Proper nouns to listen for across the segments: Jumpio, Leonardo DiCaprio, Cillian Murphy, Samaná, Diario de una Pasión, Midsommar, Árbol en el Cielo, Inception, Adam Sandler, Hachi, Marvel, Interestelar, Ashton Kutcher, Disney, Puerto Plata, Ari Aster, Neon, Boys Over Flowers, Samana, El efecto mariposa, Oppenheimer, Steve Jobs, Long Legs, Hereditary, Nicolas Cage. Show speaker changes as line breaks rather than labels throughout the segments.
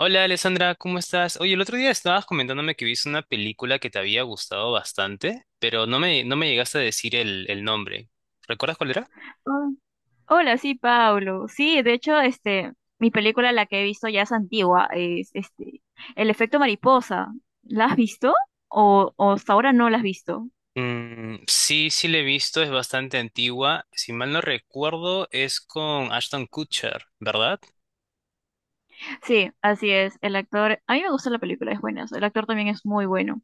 Hola Alessandra, ¿cómo estás? Oye, el otro día estabas comentándome que viste una película que te había gustado bastante, pero no me llegaste a decir el nombre. ¿Recuerdas cuál era?
Ah, Hola, sí, Pablo. Sí, de hecho, mi película, la que he visto ya es antigua, es El efecto mariposa. ¿La has visto? O hasta ahora no la has visto.
Mm, sí, sí la he visto, es bastante antigua. Si mal no recuerdo, es con Ashton Kutcher, ¿verdad?
Sí, así es. El actor, a mí me gusta la película, es buena. El actor también es muy bueno.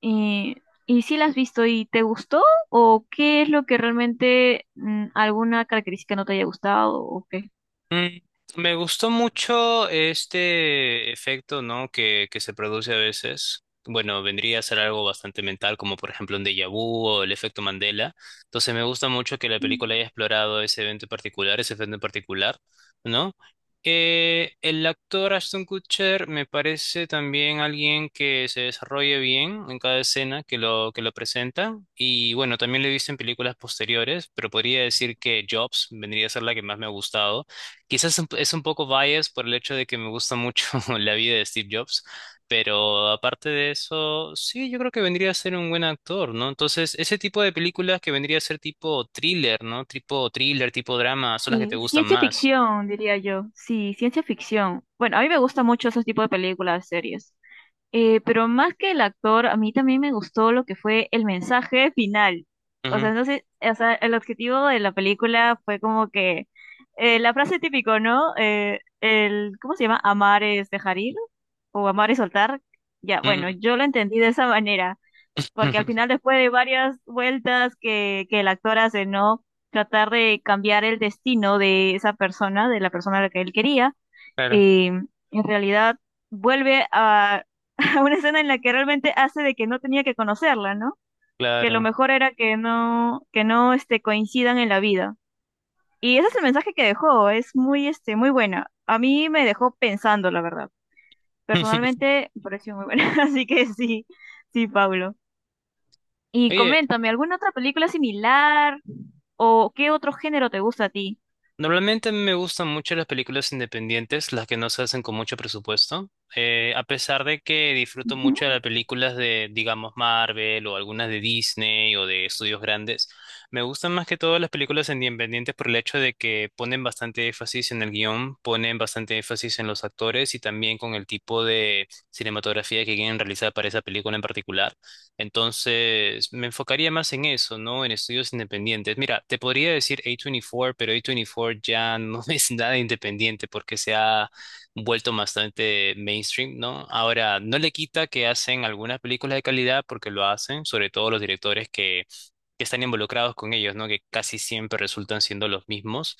Y, y sí la has visto y ¿te gustó? ¿O qué es lo que realmente alguna característica no te haya gustado o qué?
Mm, Me gustó mucho este efecto, ¿no? Que se produce a veces. Bueno, vendría a ser algo bastante mental, como por ejemplo un déjà vu o el efecto Mandela. Entonces me gusta mucho que la
Mm.
película haya explorado ese evento en particular, ese efecto en particular, ¿no? El actor Ashton Kutcher me parece también alguien que se desarrolla bien en cada escena que lo presenta. Y bueno, también lo he visto en películas posteriores, pero podría decir que Jobs vendría a ser la que más me ha gustado. Quizás es un poco bias por el hecho de que me gusta mucho la vida de Steve Jobs, pero aparte de eso, sí, yo creo que vendría a ser un buen actor, ¿no? Entonces, ese tipo de películas que vendría a ser tipo thriller, ¿no? Tipo thriller, tipo drama, son las que te
Sí,
gustan
ciencia
más.
ficción, diría yo. Sí, ciencia ficción. Bueno, a mí me gusta mucho ese tipo de películas, series. Pero más que el actor, a mí también me gustó lo que fue el mensaje final. O
Ujú.
sea, entonces o sea, el objetivo de la película fue como que la frase típico, ¿no? El, ¿cómo se llama? Amar es dejar ir o amar es soltar. Ya, bueno,
Mm.
yo lo entendí de esa manera, porque al final después de varias vueltas que el actor hace, ¿no? Tratar de cambiar el destino de esa persona, de la persona a la que él quería
Claro,
y en realidad vuelve a, a una escena en la que realmente hace de que no tenía que conocerla, ¿no? Que lo
claro.
mejor era que no coincidan en la vida. Y ese es el mensaje que dejó, es muy buena. A mí me dejó pensando, la verdad. Personalmente me pareció muy buena, así que sí, Pablo. Y
Oye,
coméntame, ¿alguna otra película similar o qué otro género te gusta a ti?
normalmente me gustan mucho las películas independientes, las que no se hacen con mucho presupuesto. A pesar de que disfruto
Ujú.
mucho de las películas de, digamos, Marvel o algunas de Disney o de estudios grandes, me gustan más que todo las películas independientes por el hecho de que ponen bastante énfasis en el guión, ponen bastante énfasis en los actores y también con el tipo de cinematografía que quieren realizar para esa película en particular. Entonces, me enfocaría más en eso, ¿no? En estudios independientes. Mira, te podría decir A24, pero A24 ya no es nada independiente porque se ha vuelto bastante mainstream, ¿no? Ahora, no le quita que hacen algunas películas de calidad porque lo hacen, sobre todo los directores que están involucrados con ellos, ¿no? Que casi siempre resultan siendo los mismos.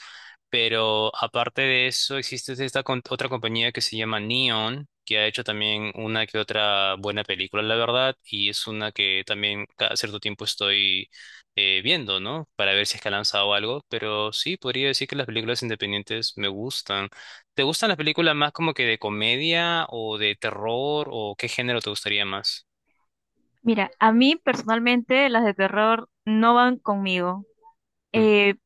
Pero aparte de eso, existe esta otra compañía que se llama Neon, que ha hecho también una que otra buena película, la verdad, y es una que también cada cierto tiempo estoy viendo, ¿no? Para ver si es que ha lanzado algo, pero sí, podría decir que las películas independientes me gustan. ¿Te gustan las películas más como que de comedia o de terror o qué género te gustaría más?
Mira, a mí personalmente las de terror no van conmigo.
Mm,
Eh,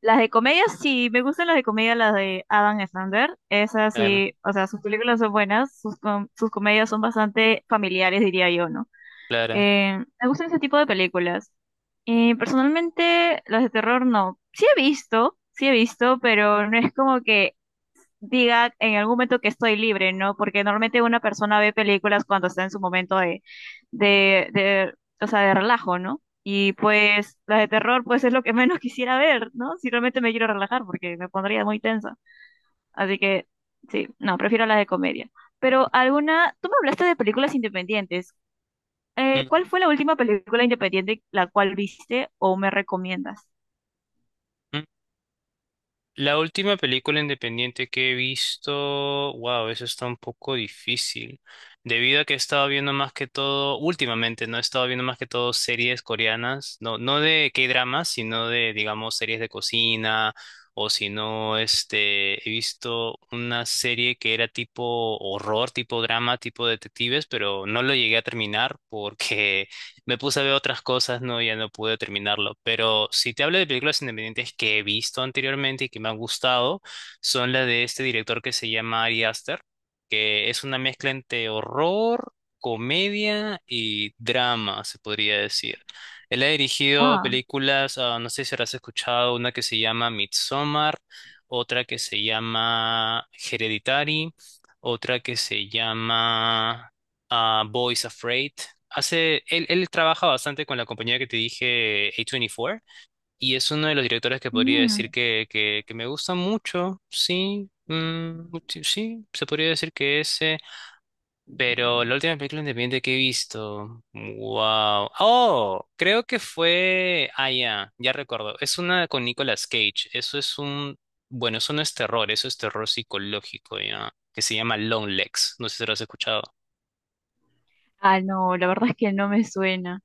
las de comedia, sí, me gustan las de comedia, las de Adam Sandler. Esas
claro,
sí, o sea, sus películas son buenas, sus comedias son bastante familiares, diría yo, ¿no?
Clara.
Me gustan ese tipo de películas. Personalmente, las de terror no. Sí he visto, pero no es como que diga en algún momento que estoy libre, ¿no? Porque normalmente una persona ve películas cuando está en su momento de, de, o sea, de relajo, ¿no? Y pues las de terror, pues es lo que menos quisiera ver, ¿no? Si realmente me quiero relajar, porque me pondría muy tensa. Así que, sí, no, prefiero las de comedia. Pero alguna, tú me hablaste de películas independientes.
Mm,
¿Cuál fue la última película independiente la cual viste o me recomiendas?
La última película independiente que he visto, wow, eso está un poco difícil, debido a que he estado viendo más que todo, últimamente, no he estado viendo más que todo series coreanas, no, no de K-dramas, sino de, digamos, series de cocina, o si no, este, he visto una serie que era tipo horror, tipo drama, tipo detectives, pero no lo llegué a terminar porque me puse a ver otras cosas, no, ya no pude terminarlo. Pero si te hablo de películas independientes que he visto anteriormente y que me han gustado, son las de este director que se llama Ari Aster, que es una mezcla entre horror, comedia y drama, se podría decir. Él ha dirigido
Ah,
películas, ah, no sé si habrás escuchado, una que se llama Midsommar, otra que se llama Hereditary, otra que se llama ah, Boys Afraid. Hace, él trabaja bastante con la compañía que te dije, A24, y es uno de los directores que podría
mm.
decir que me gusta mucho, sí, sí, sí, se podría decir que ese, pero la última película independiente que he visto, wow, oh, creo que fue, ah, ya, ya recuerdo, es una con Nicolas Cage, eso es un, bueno, eso no es terror, eso es terror psicológico, ya, que se llama Long Legs, no sé si lo has escuchado.
Ah, no, la verdad es que no me suena.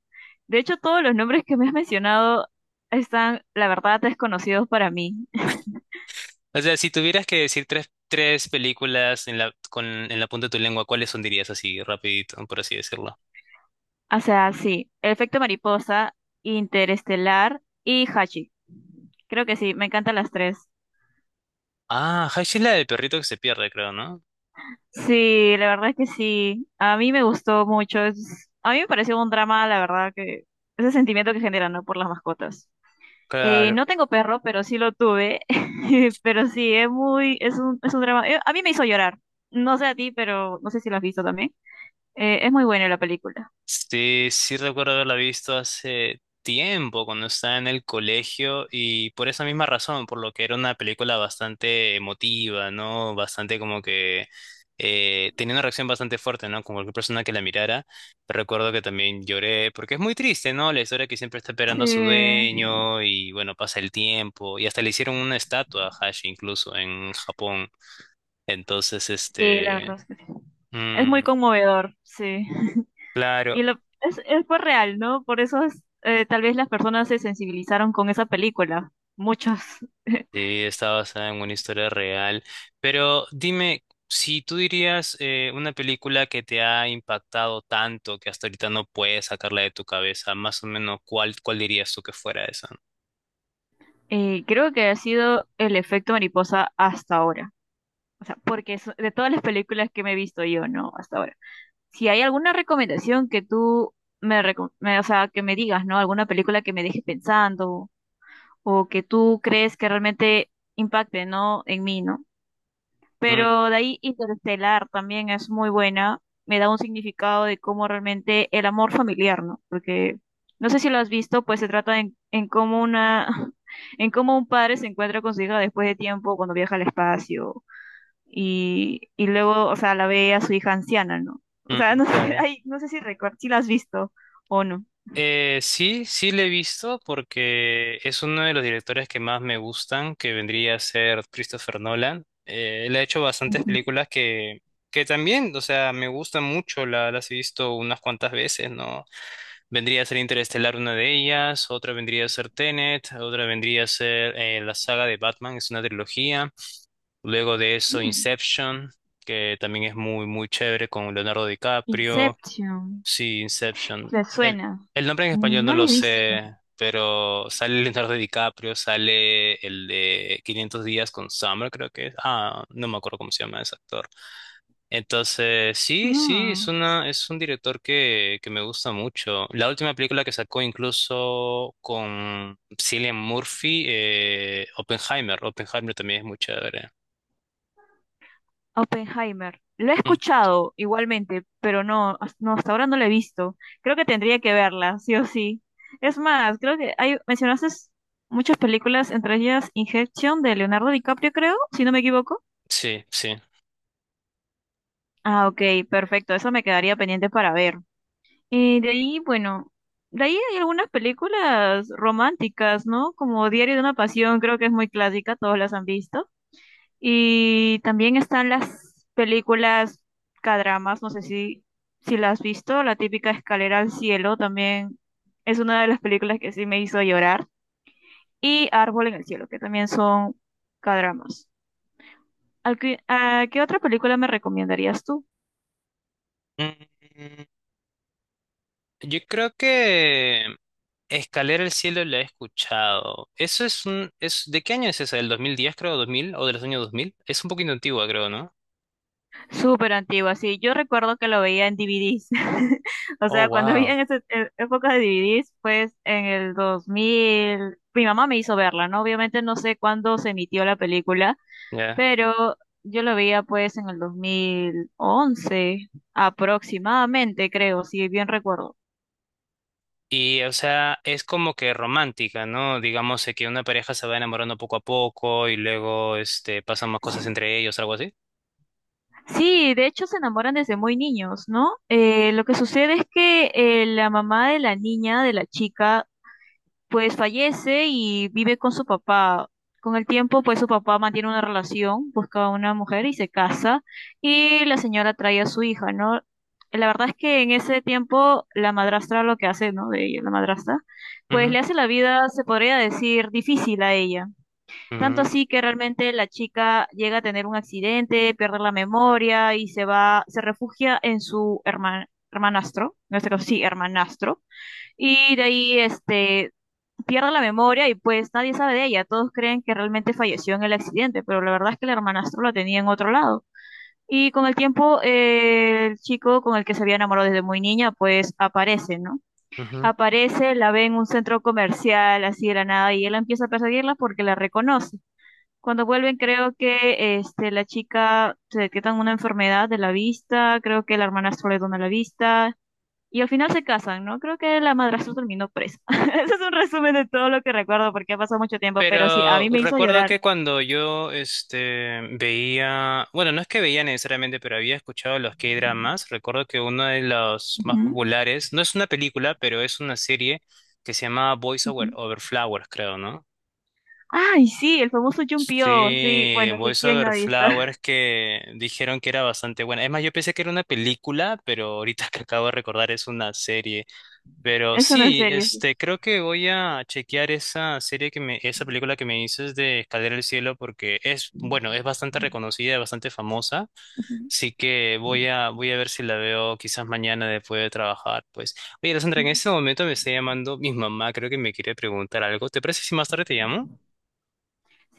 De hecho, todos los nombres que me has mencionado están, la verdad, desconocidos para mí.
O sea, si tuvieras que decir tres películas en en la punta de tu lengua, ¿cuáles son dirías así, rapidito, por así decirlo?
O sea, sí, El efecto mariposa, Interestelar y Hachi. Creo que sí, me encantan las tres.
Ah, Hash es la del perrito que se pierde, creo, ¿no?
Sí, la verdad es que sí. A mí me gustó mucho. A mí me pareció un drama, la verdad, que ese sentimiento que generan, ¿no? Por las mascotas.
Claro,
No tengo perro, pero sí lo tuve. Pero sí, es un drama. A mí me hizo llorar. No sé a ti, pero no sé si lo has visto también. Es muy buena la película.
sí, sí recuerdo haberla visto hace tiempo cuando estaba en el colegio y por esa misma razón, por lo que era una película bastante emotiva, ¿no? Bastante como que tenía una reacción bastante fuerte, ¿no? Con cualquier persona que la mirara. Recuerdo que también lloré porque es muy triste, ¿no? La historia que siempre está
Sí,
esperando a su dueño y bueno, pasa el tiempo y hasta le hicieron una estatua a Hashi incluso en Japón. Entonces,
sí, la verdad
este...
es que sí. Es muy
mm,
conmovedor, sí.
claro,
Y lo, es pues real, ¿no? Por eso es, tal vez las personas se sensibilizaron con esa película, muchas.
sí, está basada en una historia real. Pero dime, si tú dirías una película que te ha impactado tanto que hasta ahorita no puedes sacarla de tu cabeza, más o menos, ¿cuál dirías tú que fuera esa?
Creo que ha sido el efecto mariposa hasta ahora. O sea, porque es de todas las películas que me he visto yo, ¿no? Hasta ahora. Si hay alguna recomendación que tú o sea, que me digas, ¿no? Alguna película que me deje pensando o que tú crees que realmente impacte, ¿no? En mí, ¿no?
Mm,
Pero de ahí Interestelar también es muy buena. Me da un significado de cómo realmente el amor familiar, ¿no? Porque no sé si lo has visto, pues se trata en cómo una, en cómo un padre se encuentra con su hija después de tiempo cuando viaja al espacio y luego, o sea, la ve a su hija anciana, ¿no? O sea,
mm,
no sé,
claro.
ay, no sé si recuerdas, si la has visto o no.
Sí, sí le he visto porque es uno de los directores que más me gustan, que vendría a ser Christopher Nolan. Él ha hecho bastantes
Ujú.
películas que también, o sea, me gustan mucho, las he visto unas cuantas veces, ¿no? Vendría a ser Interestelar una de ellas, otra vendría a ser Tenet, otra vendría a ser la saga de Batman, es una trilogía. Luego de eso
Mm,
Inception, que también es muy, muy chévere con Leonardo DiCaprio.
Inception,
Sí, Inception.
¿te
El,
suena?
el nombre en español no
No la
lo
he visto.
sé, pero sale Leonardo DiCaprio, sale el de 500 días con Summer, creo que es. Ah, no me acuerdo cómo se llama ese actor. Entonces, sí, sí, es
Ah.
es un director que me gusta mucho. La última película que sacó incluso con Cillian Murphy, Oppenheimer. Oppenheimer también es muy chévere.
Oppenheimer. Lo he
Mm,
escuchado igualmente, pero no, hasta ahora no lo he visto. Creo que tendría que verla, sí o sí. Es más, creo que hay, mencionaste muchas películas, entre ellas Injection de Leonardo DiCaprio, creo, si no me equivoco.
sí, sí.
Ah, ok, perfecto, eso me quedaría pendiente para ver. Y de ahí, bueno, de ahí hay algunas películas románticas, ¿no? Como Diario de una Pasión, creo que es muy clásica, todos las han visto. Y también están las películas K-dramas, no sé si las has visto, la típica Escalera al Cielo también es una de las películas que sí me hizo llorar. Y Árbol en el Cielo, que también son K-dramas. A qué otra película me recomendarías tú?
Mm, Yo creo que Escalera al Cielo la he escuchado. Eso es un... Es, ¿de qué año es esa? ¿Del 2010 creo? 2000, ¿o de los años 2000? Es un poquito antigua, creo, ¿no?
Súper antigua, sí. Yo recuerdo que lo veía en DVDs. O
Oh,
sea, cuando había
wow.
en esa época de DVDs, pues en el 2000 mi mamá me hizo verla, ¿no? Obviamente no sé cuándo se emitió la película,
Ya.
pero yo lo veía pues en el 2011 aproximadamente, creo, si bien recuerdo.
Y, o sea, es como que romántica, ¿no? Digamos que una pareja se va enamorando poco a poco y luego, este, pasan más cosas entre ellos, algo así.
Sí, de hecho se enamoran desde muy niños, ¿no? Lo que sucede es que la mamá de la niña, de la chica, pues fallece y vive con su papá. Con el tiempo, pues su papá mantiene una relación, busca a una mujer y se casa, y la señora trae a su hija, ¿no? La verdad es que en ese tiempo la madrastra lo que hace, ¿no? De ella, la madrastra, pues
Ujú,
le hace la vida, se podría decir, difícil a ella. Tanto
ujú,
así que realmente la chica llega a tener un accidente, pierde la memoria y se va, se refugia en su hermanastro, en este caso sí, hermanastro, y de ahí pierde la memoria y pues nadie sabe de ella. Todos creen que realmente falleció en el accidente, pero la verdad es que el hermanastro la tenía en otro lado. Y con el tiempo, el chico con el que se había enamorado desde muy niña, pues aparece, ¿no?
ujú.
Aparece, la ve en un centro comercial, así de la nada, y él empieza a perseguirla porque la reconoce. Cuando vuelven, creo que este, la chica se detecta una enfermedad de la vista, creo que el hermanastro le dona la vista, y al final se casan, ¿no? Creo que la madrastra terminó presa. Ese es un resumen de todo lo que recuerdo porque ha pasado mucho tiempo, pero sí, a
Pero
mí me hizo
recuerdo
llorar.
que cuando yo este, veía, bueno, no es que veía necesariamente, pero había escuchado los K-dramas, recuerdo que uno de los más
Ujú,
populares, no es una película, pero es una serie que se llama Boys
ujú.
Over, Flowers, creo, ¿no?
Ay, sí, el famoso Jumpio. Sí,
Sí,
bueno, sí,
Boys
¿quién no ha
Over
visto?
Flowers que dijeron que era bastante buena. Es más, yo pensé que era una película, pero ahorita que acabo de recordar es una serie. Pero
Es una
sí,
serie, sí.
este, creo que voy a chequear esa película que me dices de Escalera al Cielo porque es, bueno, es bastante reconocida, bastante famosa.
Ujú.
Así que voy a ver si la veo quizás mañana después de trabajar, pues. Oye, Alessandra, en este momento me está llamando mi mamá, creo que me quiere preguntar algo. ¿Te parece si más tarde te llamo?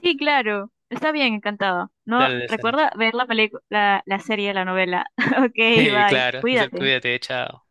Sí, claro. Está bien, encantado. No,
Dale, Sara.
recuerda ver la película, la serie, la novela. Ok, bye.
Claro,
Cuídate.
cuídate, chao.